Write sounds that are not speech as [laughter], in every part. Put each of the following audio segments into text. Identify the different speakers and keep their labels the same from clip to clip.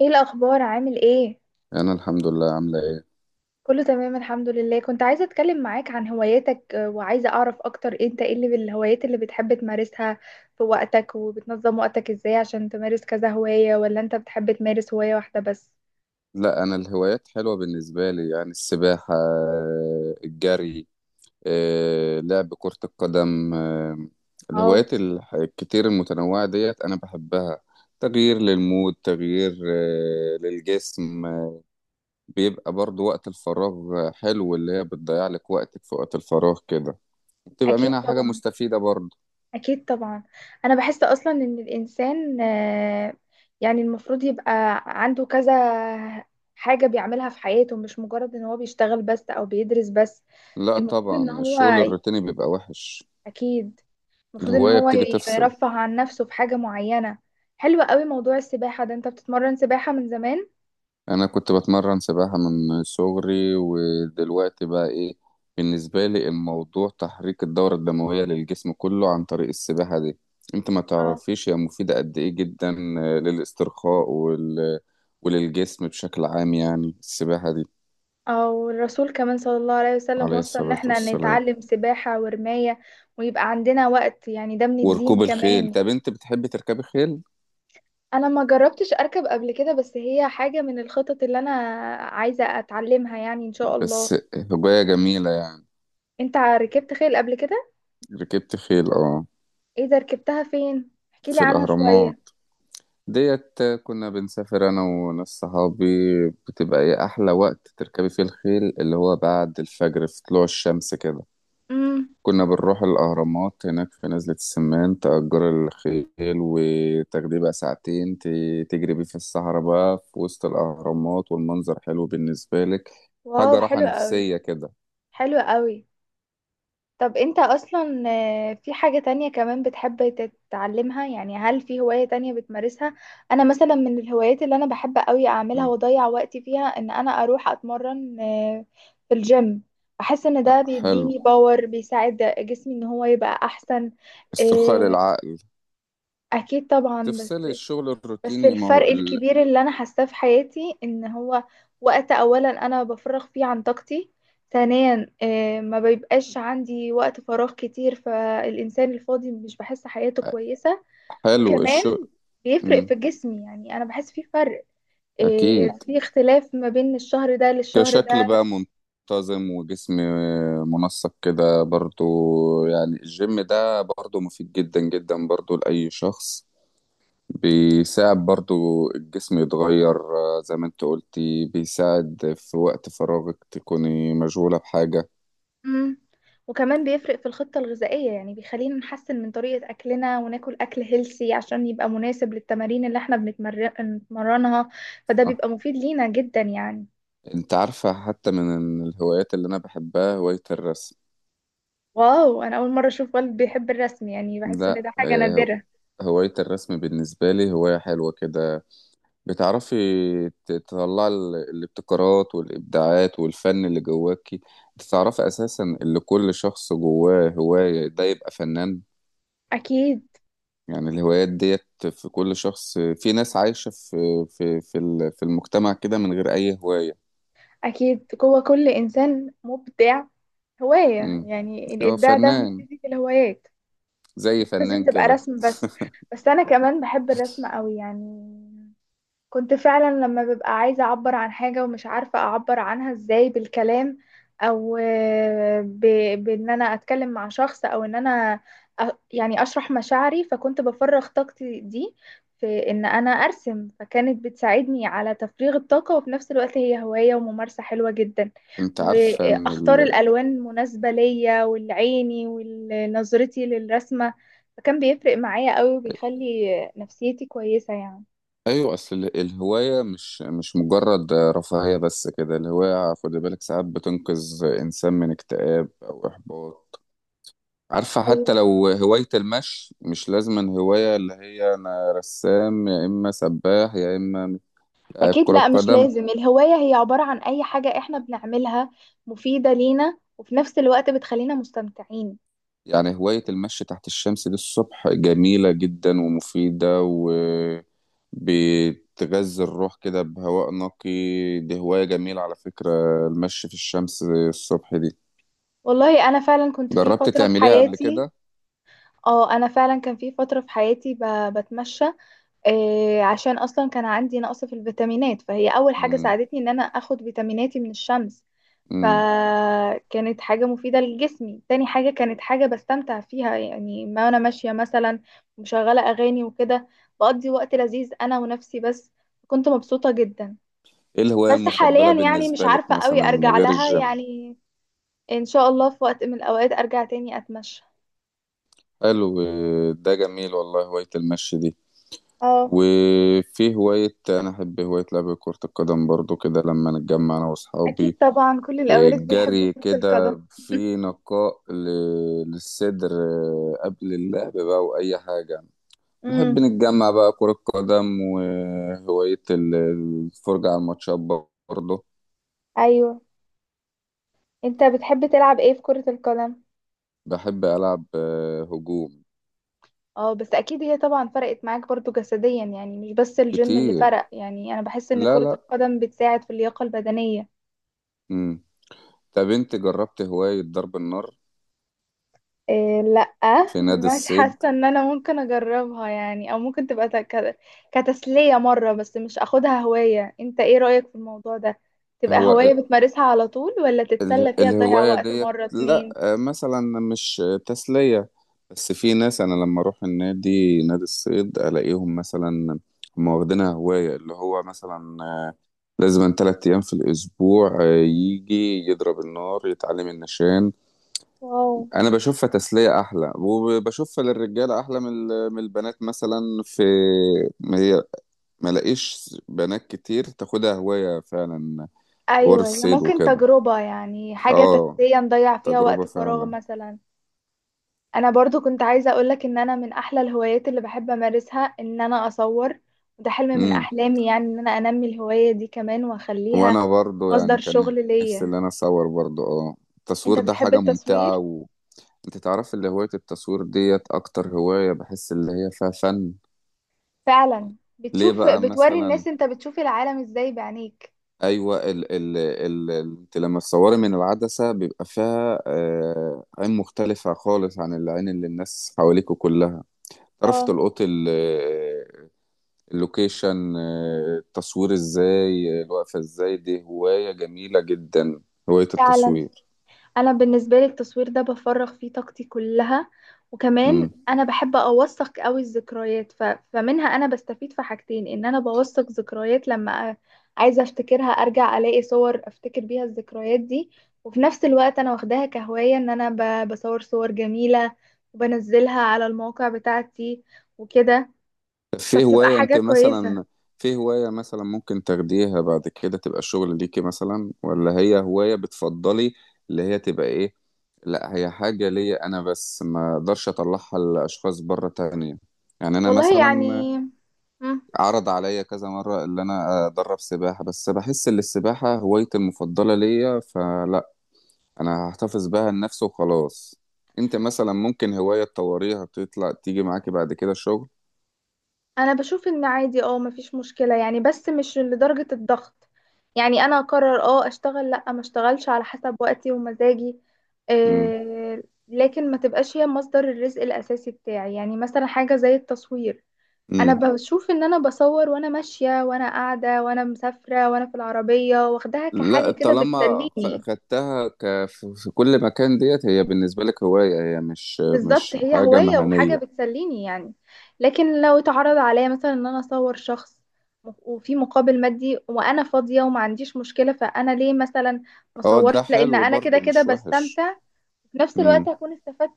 Speaker 1: ايه الاخبار؟ عامل ايه؟
Speaker 2: انا الحمد لله. عامله ايه؟
Speaker 1: كله تمام الحمد لله. كنت عايزه اتكلم معاك عن هواياتك، وعايزه اعرف اكتر انت ايه الهوايات اللي بتحب تمارسها في وقتك، وبتنظم وقتك ازاي عشان تمارس كذا هوايه، ولا انت بتحب تمارس هوايه واحده بس؟
Speaker 2: لا، انا الهوايات حلوه بالنسبه لي، يعني السباحه، الجري، لعب كره القدم.
Speaker 1: اه.
Speaker 2: الهوايات الكتير المتنوعه ديت انا بحبها. تغيير للمود، تغيير للجسم. بيبقى برضو وقت الفراغ حلو، اللي هي بتضيع لك وقتك في وقت الفراغ كده، بتبقى
Speaker 1: اكيد
Speaker 2: منها حاجه
Speaker 1: طبعا.
Speaker 2: مستفيده برضو.
Speaker 1: اكيد طبعا. انا بحس اصلا ان الانسان، يعني المفروض يبقى عنده كذا حاجه بيعملها في حياته، مش مجرد ان هو بيشتغل بس او بيدرس بس.
Speaker 2: لا
Speaker 1: المفروض ان
Speaker 2: طبعا،
Speaker 1: هو
Speaker 2: الشغل الروتيني بيبقى وحش.
Speaker 1: اكيد. المفروض ان
Speaker 2: الهوايه
Speaker 1: هو
Speaker 2: بتيجي تفصل.
Speaker 1: يرفه عن نفسه في حاجة معينة. حلو قوي موضوع السباحة ده. انت بتتمرن سباحة من زمان؟
Speaker 2: انا كنت بتمرن سباحة من صغري، ودلوقتي بقى ايه، بالنسبة لي الموضوع تحريك الدورة الدموية للجسم كله عن طريق السباحة دي. انت ما
Speaker 1: اه.
Speaker 2: تعرفيش هي مفيدة قد ايه، جدا للاسترخاء وللجسم بشكل عام، يعني السباحة دي.
Speaker 1: او الرسول كمان صلى الله عليه وسلم
Speaker 2: عليه
Speaker 1: وصى ان
Speaker 2: الصلاة
Speaker 1: احنا
Speaker 2: والسلام.
Speaker 1: نتعلم سباحة ورماية، ويبقى عندنا وقت، يعني ده من الدين
Speaker 2: وركوب الخيل.
Speaker 1: كمان.
Speaker 2: طب انت بتحبي تركبي خيل؟
Speaker 1: انا ما جربتش اركب قبل كده، بس هي حاجة من الخطط اللي انا عايزة اتعلمها يعني ان شاء الله.
Speaker 2: بس هواية جميلة يعني.
Speaker 1: انت ركبت خيل قبل كده؟
Speaker 2: ركبت خيل، اه.
Speaker 1: ايه ده؟ ركبتها فين؟ احكيلي
Speaker 2: في
Speaker 1: عنها
Speaker 2: الاهرامات،
Speaker 1: شوية.
Speaker 2: ديت كنا بنسافر انا وناس صحابي. بتبقى ايه احلى وقت تركبي فيه الخيل؟ اللي هو بعد الفجر، في طلوع الشمس كده.
Speaker 1: امم.
Speaker 2: كنا بنروح الاهرامات هناك في نزلة السمان، تأجر الخيل وتاخديه بقى ساعتين، تجري بيه في الصحراء بقى في وسط الاهرامات، والمنظر حلو بالنسبة لك.
Speaker 1: واو،
Speaker 2: حاجة راحة
Speaker 1: حلو قوي.
Speaker 2: نفسية كده.
Speaker 1: حلو قوي. طب انت اصلا، في حاجة تانية كمان بتحب تتعلمها؟ يعني هل في هواية تانية بتمارسها؟ انا مثلا من الهوايات اللي انا بحب قوي اعملها
Speaker 2: مم.
Speaker 1: واضيع وقتي فيها ان انا اروح اتمرن، في الجيم. بحس ان ده
Speaker 2: حلو.
Speaker 1: بيديني باور، بيساعد جسمي ان هو يبقى احسن.
Speaker 2: استرخاء
Speaker 1: آه،
Speaker 2: للعقل.
Speaker 1: اكيد طبعا. بس
Speaker 2: تفصلي الشغل
Speaker 1: بس
Speaker 2: الروتيني، ما هو
Speaker 1: الفرق الكبير اللي انا حاساه في حياتي ان هو وقت اولا انا بفرغ فيه عن طاقتي. ثانيا، ما بيبقاش عندي وقت فراغ كتير، فالانسان الفاضي مش بحس حياته كويسة.
Speaker 2: حلو
Speaker 1: وكمان
Speaker 2: الشغل.
Speaker 1: بيفرق
Speaker 2: مم.
Speaker 1: في جسمي، يعني انا بحس في فرق،
Speaker 2: اكيد.
Speaker 1: في اختلاف ما بين الشهر ده للشهر
Speaker 2: كشكل
Speaker 1: ده.
Speaker 2: بقى منتظم، وجسم منسق كده برضو. يعني الجيم ده برضو مفيد جدا جدا برضو لأي شخص، بيساعد برضو الجسم يتغير، زي ما انت قلتي بيساعد في وقت فراغك تكوني مشغولة بحاجة.
Speaker 1: مم. وكمان بيفرق في الخطة الغذائية، يعني بيخلينا نحسن من طريقة أكلنا وناكل أكل هيلسي عشان يبقى مناسب للتمارين اللي احنا بنتمرنها، فده
Speaker 2: صح.
Speaker 1: بيبقى مفيد لينا جدا يعني.
Speaker 2: انت عارفة، حتى من الهوايات اللي انا بحبها هواية الرسم.
Speaker 1: واو، أنا أول مرة أشوف والد بيحب الرسم، يعني بحس إن
Speaker 2: لا،
Speaker 1: ده حاجة نادرة.
Speaker 2: هواية الرسم بالنسبة لي هواية حلوة كده. بتعرفي تطلعي الابتكارات والإبداعات والفن اللي جواكي. انت تعرفي أساسا اللي كل شخص جواه هواية ده يبقى فنان.
Speaker 1: أكيد.
Speaker 2: يعني الهوايات ديت في كل شخص. في ناس عايشة في في المجتمع كده من غير أي هواية.
Speaker 1: أكيد جوه كل إنسان مبدع هواية،
Speaker 2: امم
Speaker 1: يعني
Speaker 2: هو
Speaker 1: الإبداع ده
Speaker 2: فنان.
Speaker 1: بيبتدي في الهوايات.
Speaker 2: زي
Speaker 1: مش لازم
Speaker 2: فنان
Speaker 1: تبقى
Speaker 2: كده.
Speaker 1: رسم بس. بس أنا كمان بحب الرسم قوي يعني. كنت فعلا لما ببقى عايزة أعبر عن حاجة ومش عارفة أعبر عنها إزاي بالكلام، أو بإن أنا أتكلم مع شخص، أو إن أنا يعني أشرح مشاعري، فكنت بفرغ طاقتي دي في إن أنا أرسم، فكانت بتساعدني على تفريغ الطاقة، وفي نفس الوقت هي هواية وممارسة حلوة جدا.
Speaker 2: انت عارفة ان
Speaker 1: وأختار الألوان المناسبة ليا، والعيني ونظرتي للرسمة، فكان بيفرق معايا قوي وبيخلي نفسيتي كويسة يعني.
Speaker 2: ايوه، اصل الهواية مش مجرد رفاهية بس كده. الهواية، خد بالك، ساعات بتنقذ انسان من اكتئاب او احباط. عارفة، حتى
Speaker 1: أيوة.
Speaker 2: لو هواية المشي. مش لازم هواية اللي هي أنا رسام، يا إما سباح، يا إما لاعب
Speaker 1: أكيد،
Speaker 2: كرة
Speaker 1: لا مش
Speaker 2: قدم.
Speaker 1: لازم الهواية هي عبارة عن أي حاجة إحنا بنعملها مفيدة لينا وفي نفس الوقت بتخلينا مستمتعين.
Speaker 2: يعني هواية المشي تحت الشمس دي الصبح جميلة جدا ومفيدة، وبتغذي الروح كده بهواء نقي. دي هواية جميلة على فكرة، المشي في الشمس الصبح دي.
Speaker 1: والله أنا فعلا كنت في
Speaker 2: جربت
Speaker 1: فترة في
Speaker 2: تعمليها قبل
Speaker 1: حياتي.
Speaker 2: كده؟
Speaker 1: اه، أنا فعلا كان في فترة في حياتي بتمشى، عشان أصلا كان عندي نقص في الفيتامينات، فهي أول حاجة
Speaker 2: مم.
Speaker 1: ساعدتني إن أنا أخد فيتاميناتي من الشمس.
Speaker 2: مم.
Speaker 1: فكانت حاجة مفيدة لجسمي، تاني حاجة كانت حاجة بستمتع فيها، يعني ما أنا ماشية مثلا مشغلة أغاني وكده، بقضي وقت لذيذ أنا ونفسي بس، كنت مبسوطة جدا.
Speaker 2: إيه الهواية
Speaker 1: بس
Speaker 2: المفضلة
Speaker 1: حاليا يعني مش
Speaker 2: بالنسبة لك
Speaker 1: عارفة قوي
Speaker 2: مثلا
Speaker 1: أرجع
Speaker 2: غير
Speaker 1: لها
Speaker 2: الجيم؟
Speaker 1: يعني، إن شاء الله في وقت من الأوقات أرجع تاني أتمشى.
Speaker 2: حلو. ده جميل والله، هواية المشي دي.
Speaker 1: اه،
Speaker 2: وفي هواية أنا أحب، هواية لعب كرة القدم برضو كده لما نتجمع أنا
Speaker 1: اكيد
Speaker 2: وأصحابي.
Speaker 1: طبعا، كل
Speaker 2: إيه،
Speaker 1: الاولاد بيحبوا
Speaker 2: جري
Speaker 1: كرة القدم
Speaker 2: كده في
Speaker 1: [laughs]
Speaker 2: نقاء للصدر، إيه، قبل اللعب بقى وأي حاجة. نحب
Speaker 1: امم.
Speaker 2: نتجمع بقى كرة قدم. وهواية الفرجة على الماتشات برضو.
Speaker 1: أيوه، أنت بتحب تلعب إيه في كرة القدم؟
Speaker 2: بحب ألعب هجوم.
Speaker 1: اه، بس اكيد هي طبعا فرقت معاك برضو جسديا، يعني مش بس الجيم اللي
Speaker 2: كتير.
Speaker 1: فرق، يعني انا بحس ان
Speaker 2: لا
Speaker 1: كرة
Speaker 2: لا.
Speaker 1: القدم بتساعد في اللياقة البدنية.
Speaker 2: مم. طب أنت جربت هواية ضرب النار
Speaker 1: إيه، لا،
Speaker 2: في نادي
Speaker 1: مش
Speaker 2: الصيد؟
Speaker 1: حاسة ان انا ممكن اجربها يعني، او ممكن تبقى كتسلية مرة، بس مش اخدها هواية. انت ايه رأيك في الموضوع ده؟ تبقى
Speaker 2: هو
Speaker 1: هواية بتمارسها على طول، ولا تتسلى فيها تضيع
Speaker 2: الهواية
Speaker 1: وقت
Speaker 2: ديت
Speaker 1: مرة
Speaker 2: لا،
Speaker 1: اتنين؟
Speaker 2: مثلا مش تسلية. بس في ناس أنا لما أروح النادي، نادي الصيد، ألاقيهم مثلا هم واخدينها هواية. اللي هو مثلا لازم تلات أيام في الأسبوع يجي يضرب النار، يتعلم النشان.
Speaker 1: واو.
Speaker 2: أنا بشوفها تسلية أحلى، وبشوفها للرجالة أحلى من من البنات مثلا. في، ما هي، ما لاقيش بنات كتير تاخدها هواية فعلا. حوار
Speaker 1: ايوه، هي
Speaker 2: الصيد
Speaker 1: ممكن
Speaker 2: وكده.
Speaker 1: تجربة، يعني حاجة
Speaker 2: اه،
Speaker 1: تسلية نضيع فيها
Speaker 2: تجربة
Speaker 1: وقت فراغ
Speaker 2: فعلا.
Speaker 1: مثلا. انا برضو كنت عايزة اقولك ان انا من احلى الهوايات اللي بحب امارسها ان انا اصور، وده حلم من
Speaker 2: مم.
Speaker 1: احلامي يعني، ان انا انمي الهواية دي كمان واخليها
Speaker 2: وانا برضو
Speaker 1: مصدر
Speaker 2: يعني كان
Speaker 1: شغل
Speaker 2: نفسي
Speaker 1: ليا.
Speaker 2: اللي انا اصور برضو. اه،
Speaker 1: انت
Speaker 2: التصوير ده
Speaker 1: بتحب
Speaker 2: حاجة
Speaker 1: التصوير؟
Speaker 2: ممتعة. وانت تعرف، اللي هواية التصوير ديت اكتر هواية بحس اللي هي فيها فن.
Speaker 1: فعلا
Speaker 2: ليه
Speaker 1: بتشوف،
Speaker 2: بقى
Speaker 1: بتوري
Speaker 2: مثلا؟
Speaker 1: الناس انت بتشوف العالم ازاي بعينيك.
Speaker 2: ايوه، انت لما تصوري من العدسة بيبقى فيها عين مختلفة خالص عن العين اللي الناس حواليكوا كلها. تعرف
Speaker 1: اه،
Speaker 2: تلقط اللوكيشن، التصوير ازاي، الوقفة ازاي. دي هواية جميلة جدا، هواية
Speaker 1: فعلا.
Speaker 2: التصوير.
Speaker 1: انا بالنسبه لي التصوير ده بفرغ فيه طاقتي كلها، وكمان
Speaker 2: مم.
Speaker 1: انا بحب اوثق قوي الذكريات فمنها انا بستفيد في حاجتين، ان انا بوثق ذكريات لما عايزه افتكرها، ارجع الاقي صور افتكر بيها الذكريات دي. وفي نفس الوقت انا واخداها كهوايه ان انا بصور صور جميله وبنزلها على المواقع بتاعتي وكده،
Speaker 2: في
Speaker 1: فبتبقى
Speaker 2: هواية
Speaker 1: حاجه
Speaker 2: انت
Speaker 1: كويسه.
Speaker 2: مثلا، في هواية مثلا ممكن تاخديها بعد كده تبقى شغل ليكي مثلا؟ ولا هي هواية بتفضلي اللي هي تبقى ايه؟ لا هي حاجة ليا انا بس، ما اقدرش اطلعها لاشخاص بره تانية. يعني انا
Speaker 1: والله
Speaker 2: مثلا
Speaker 1: يعني. مم.
Speaker 2: عرض عليا كذا مرة اللي انا ادرب سباحة، بس بحس ان السباحة هوايتي المفضلة ليا، فلا، انا هحتفظ بها لنفسي وخلاص. انت مثلا ممكن هواية تطوريها تطلع تيجي معاكي بعد كده شغل؟
Speaker 1: انا بشوف ان عادي، مفيش مشكلة يعني، بس مش لدرجة الضغط. يعني انا اقرر اشتغل لا ما اشتغلش على حسب وقتي ومزاجي. آه لكن ما تبقاش هي مصدر الرزق الاساسي بتاعي، يعني مثلا حاجة زي التصوير، انا
Speaker 2: امم.
Speaker 1: بشوف ان انا بصور وانا ماشية وانا قاعدة وانا مسافرة وانا في العربية، واخداها
Speaker 2: لا،
Speaker 1: كحاجة كده
Speaker 2: طالما
Speaker 1: بتسليني.
Speaker 2: خدتها في كل مكان، ديت هي بالنسبة لك هواية، هي مش
Speaker 1: بالظبط،
Speaker 2: مش
Speaker 1: هي
Speaker 2: حاجة
Speaker 1: هواية وحاجة
Speaker 2: مهنية.
Speaker 1: بتسليني يعني. لكن لو اتعرض عليا مثلا ان انا اصور شخص وفي مقابل مادي، وانا فاضية وما عنديش مشكلة، فانا ليه مثلا ما
Speaker 2: اه،
Speaker 1: اصورش
Speaker 2: ده
Speaker 1: لان
Speaker 2: حلو
Speaker 1: انا كده
Speaker 2: برضو،
Speaker 1: كده
Speaker 2: مش وحش.
Speaker 1: بستمتع؟ في نفس الوقت
Speaker 2: مم.
Speaker 1: هكون استفدت.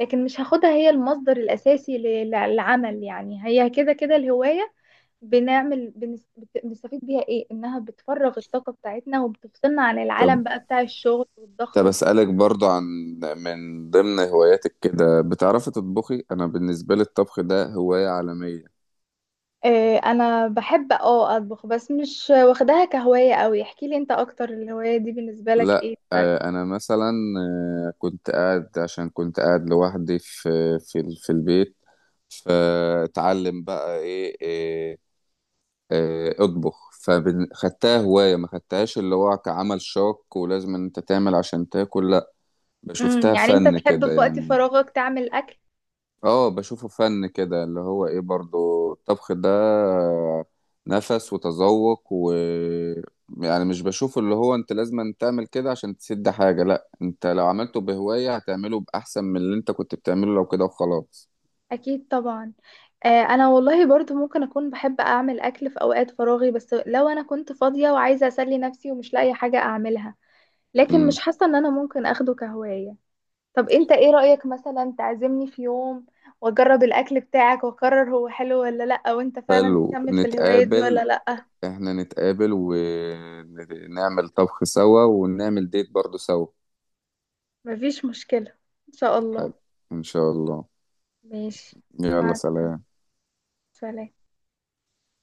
Speaker 1: لكن مش هاخدها هي المصدر الاساسي للعمل، يعني هي كده كده الهواية بنستفيد بيها ايه؟ انها بتفرغ الطاقة بتاعتنا وبتفصلنا عن العالم
Speaker 2: طب
Speaker 1: بقى بتاع الشغل
Speaker 2: طب
Speaker 1: والضغط وكده.
Speaker 2: أسألك برضو عن، من ضمن هواياتك كده بتعرفي تطبخي؟ أنا بالنسبة لي الطبخ ده هواية عالمية.
Speaker 1: إيه، انا بحب اطبخ، بس مش واخداها كهواية قوي. احكي لي انت اكتر الهواية دي بالنسبة لك ايه
Speaker 2: لا،
Speaker 1: الفرق؟
Speaker 2: أنا مثلا كنت قاعد، عشان كنت قاعد لوحدي في البيت. فتعلم بقى ايه، اطبخ، فخدتها هواية، ما خدتهاش اللي هو كعمل شاق ولازم ان انت تعمل عشان تاكل، لا
Speaker 1: امم.
Speaker 2: بشوفتها
Speaker 1: يعني انت
Speaker 2: فن
Speaker 1: تحب
Speaker 2: كده
Speaker 1: في وقت
Speaker 2: يعني.
Speaker 1: فراغك تعمل اكل.
Speaker 2: اه بشوفه فن كده، اللي هو ايه برضو، الطبخ ده نفس وتذوق يعني مش بشوفه اللي هو انت لازم أن تعمل كده عشان تسد حاجة، لا انت لو عملته بهواية هتعمله بأحسن من اللي انت كنت بتعمله لو كده وخلاص.
Speaker 1: اكيد طبعا. ، انا والله برضو ممكن اكون بحب اعمل اكل في اوقات فراغي، بس لو انا كنت فاضية وعايزة اسلي نفسي ومش لاقي حاجة اعملها. لكن مش
Speaker 2: امم.
Speaker 1: حاسة ان انا ممكن اخده كهواية. طب انت ايه رأيك مثلا تعزمني في يوم، واجرب الاكل بتاعك واقرر هو حلو ولا لا، وانت فعلا
Speaker 2: حلو،
Speaker 1: تكمل في الهواية دي ولا
Speaker 2: نتقابل.
Speaker 1: لا؟
Speaker 2: احنا نتقابل ونعمل طبخ سوا، ونعمل ديت برضو سوا.
Speaker 1: مفيش مشكلة، إن شاء الله.
Speaker 2: حلو، ان شاء الله.
Speaker 1: ماشي.
Speaker 2: يلا
Speaker 1: مع
Speaker 2: سلام.
Speaker 1: السلامة.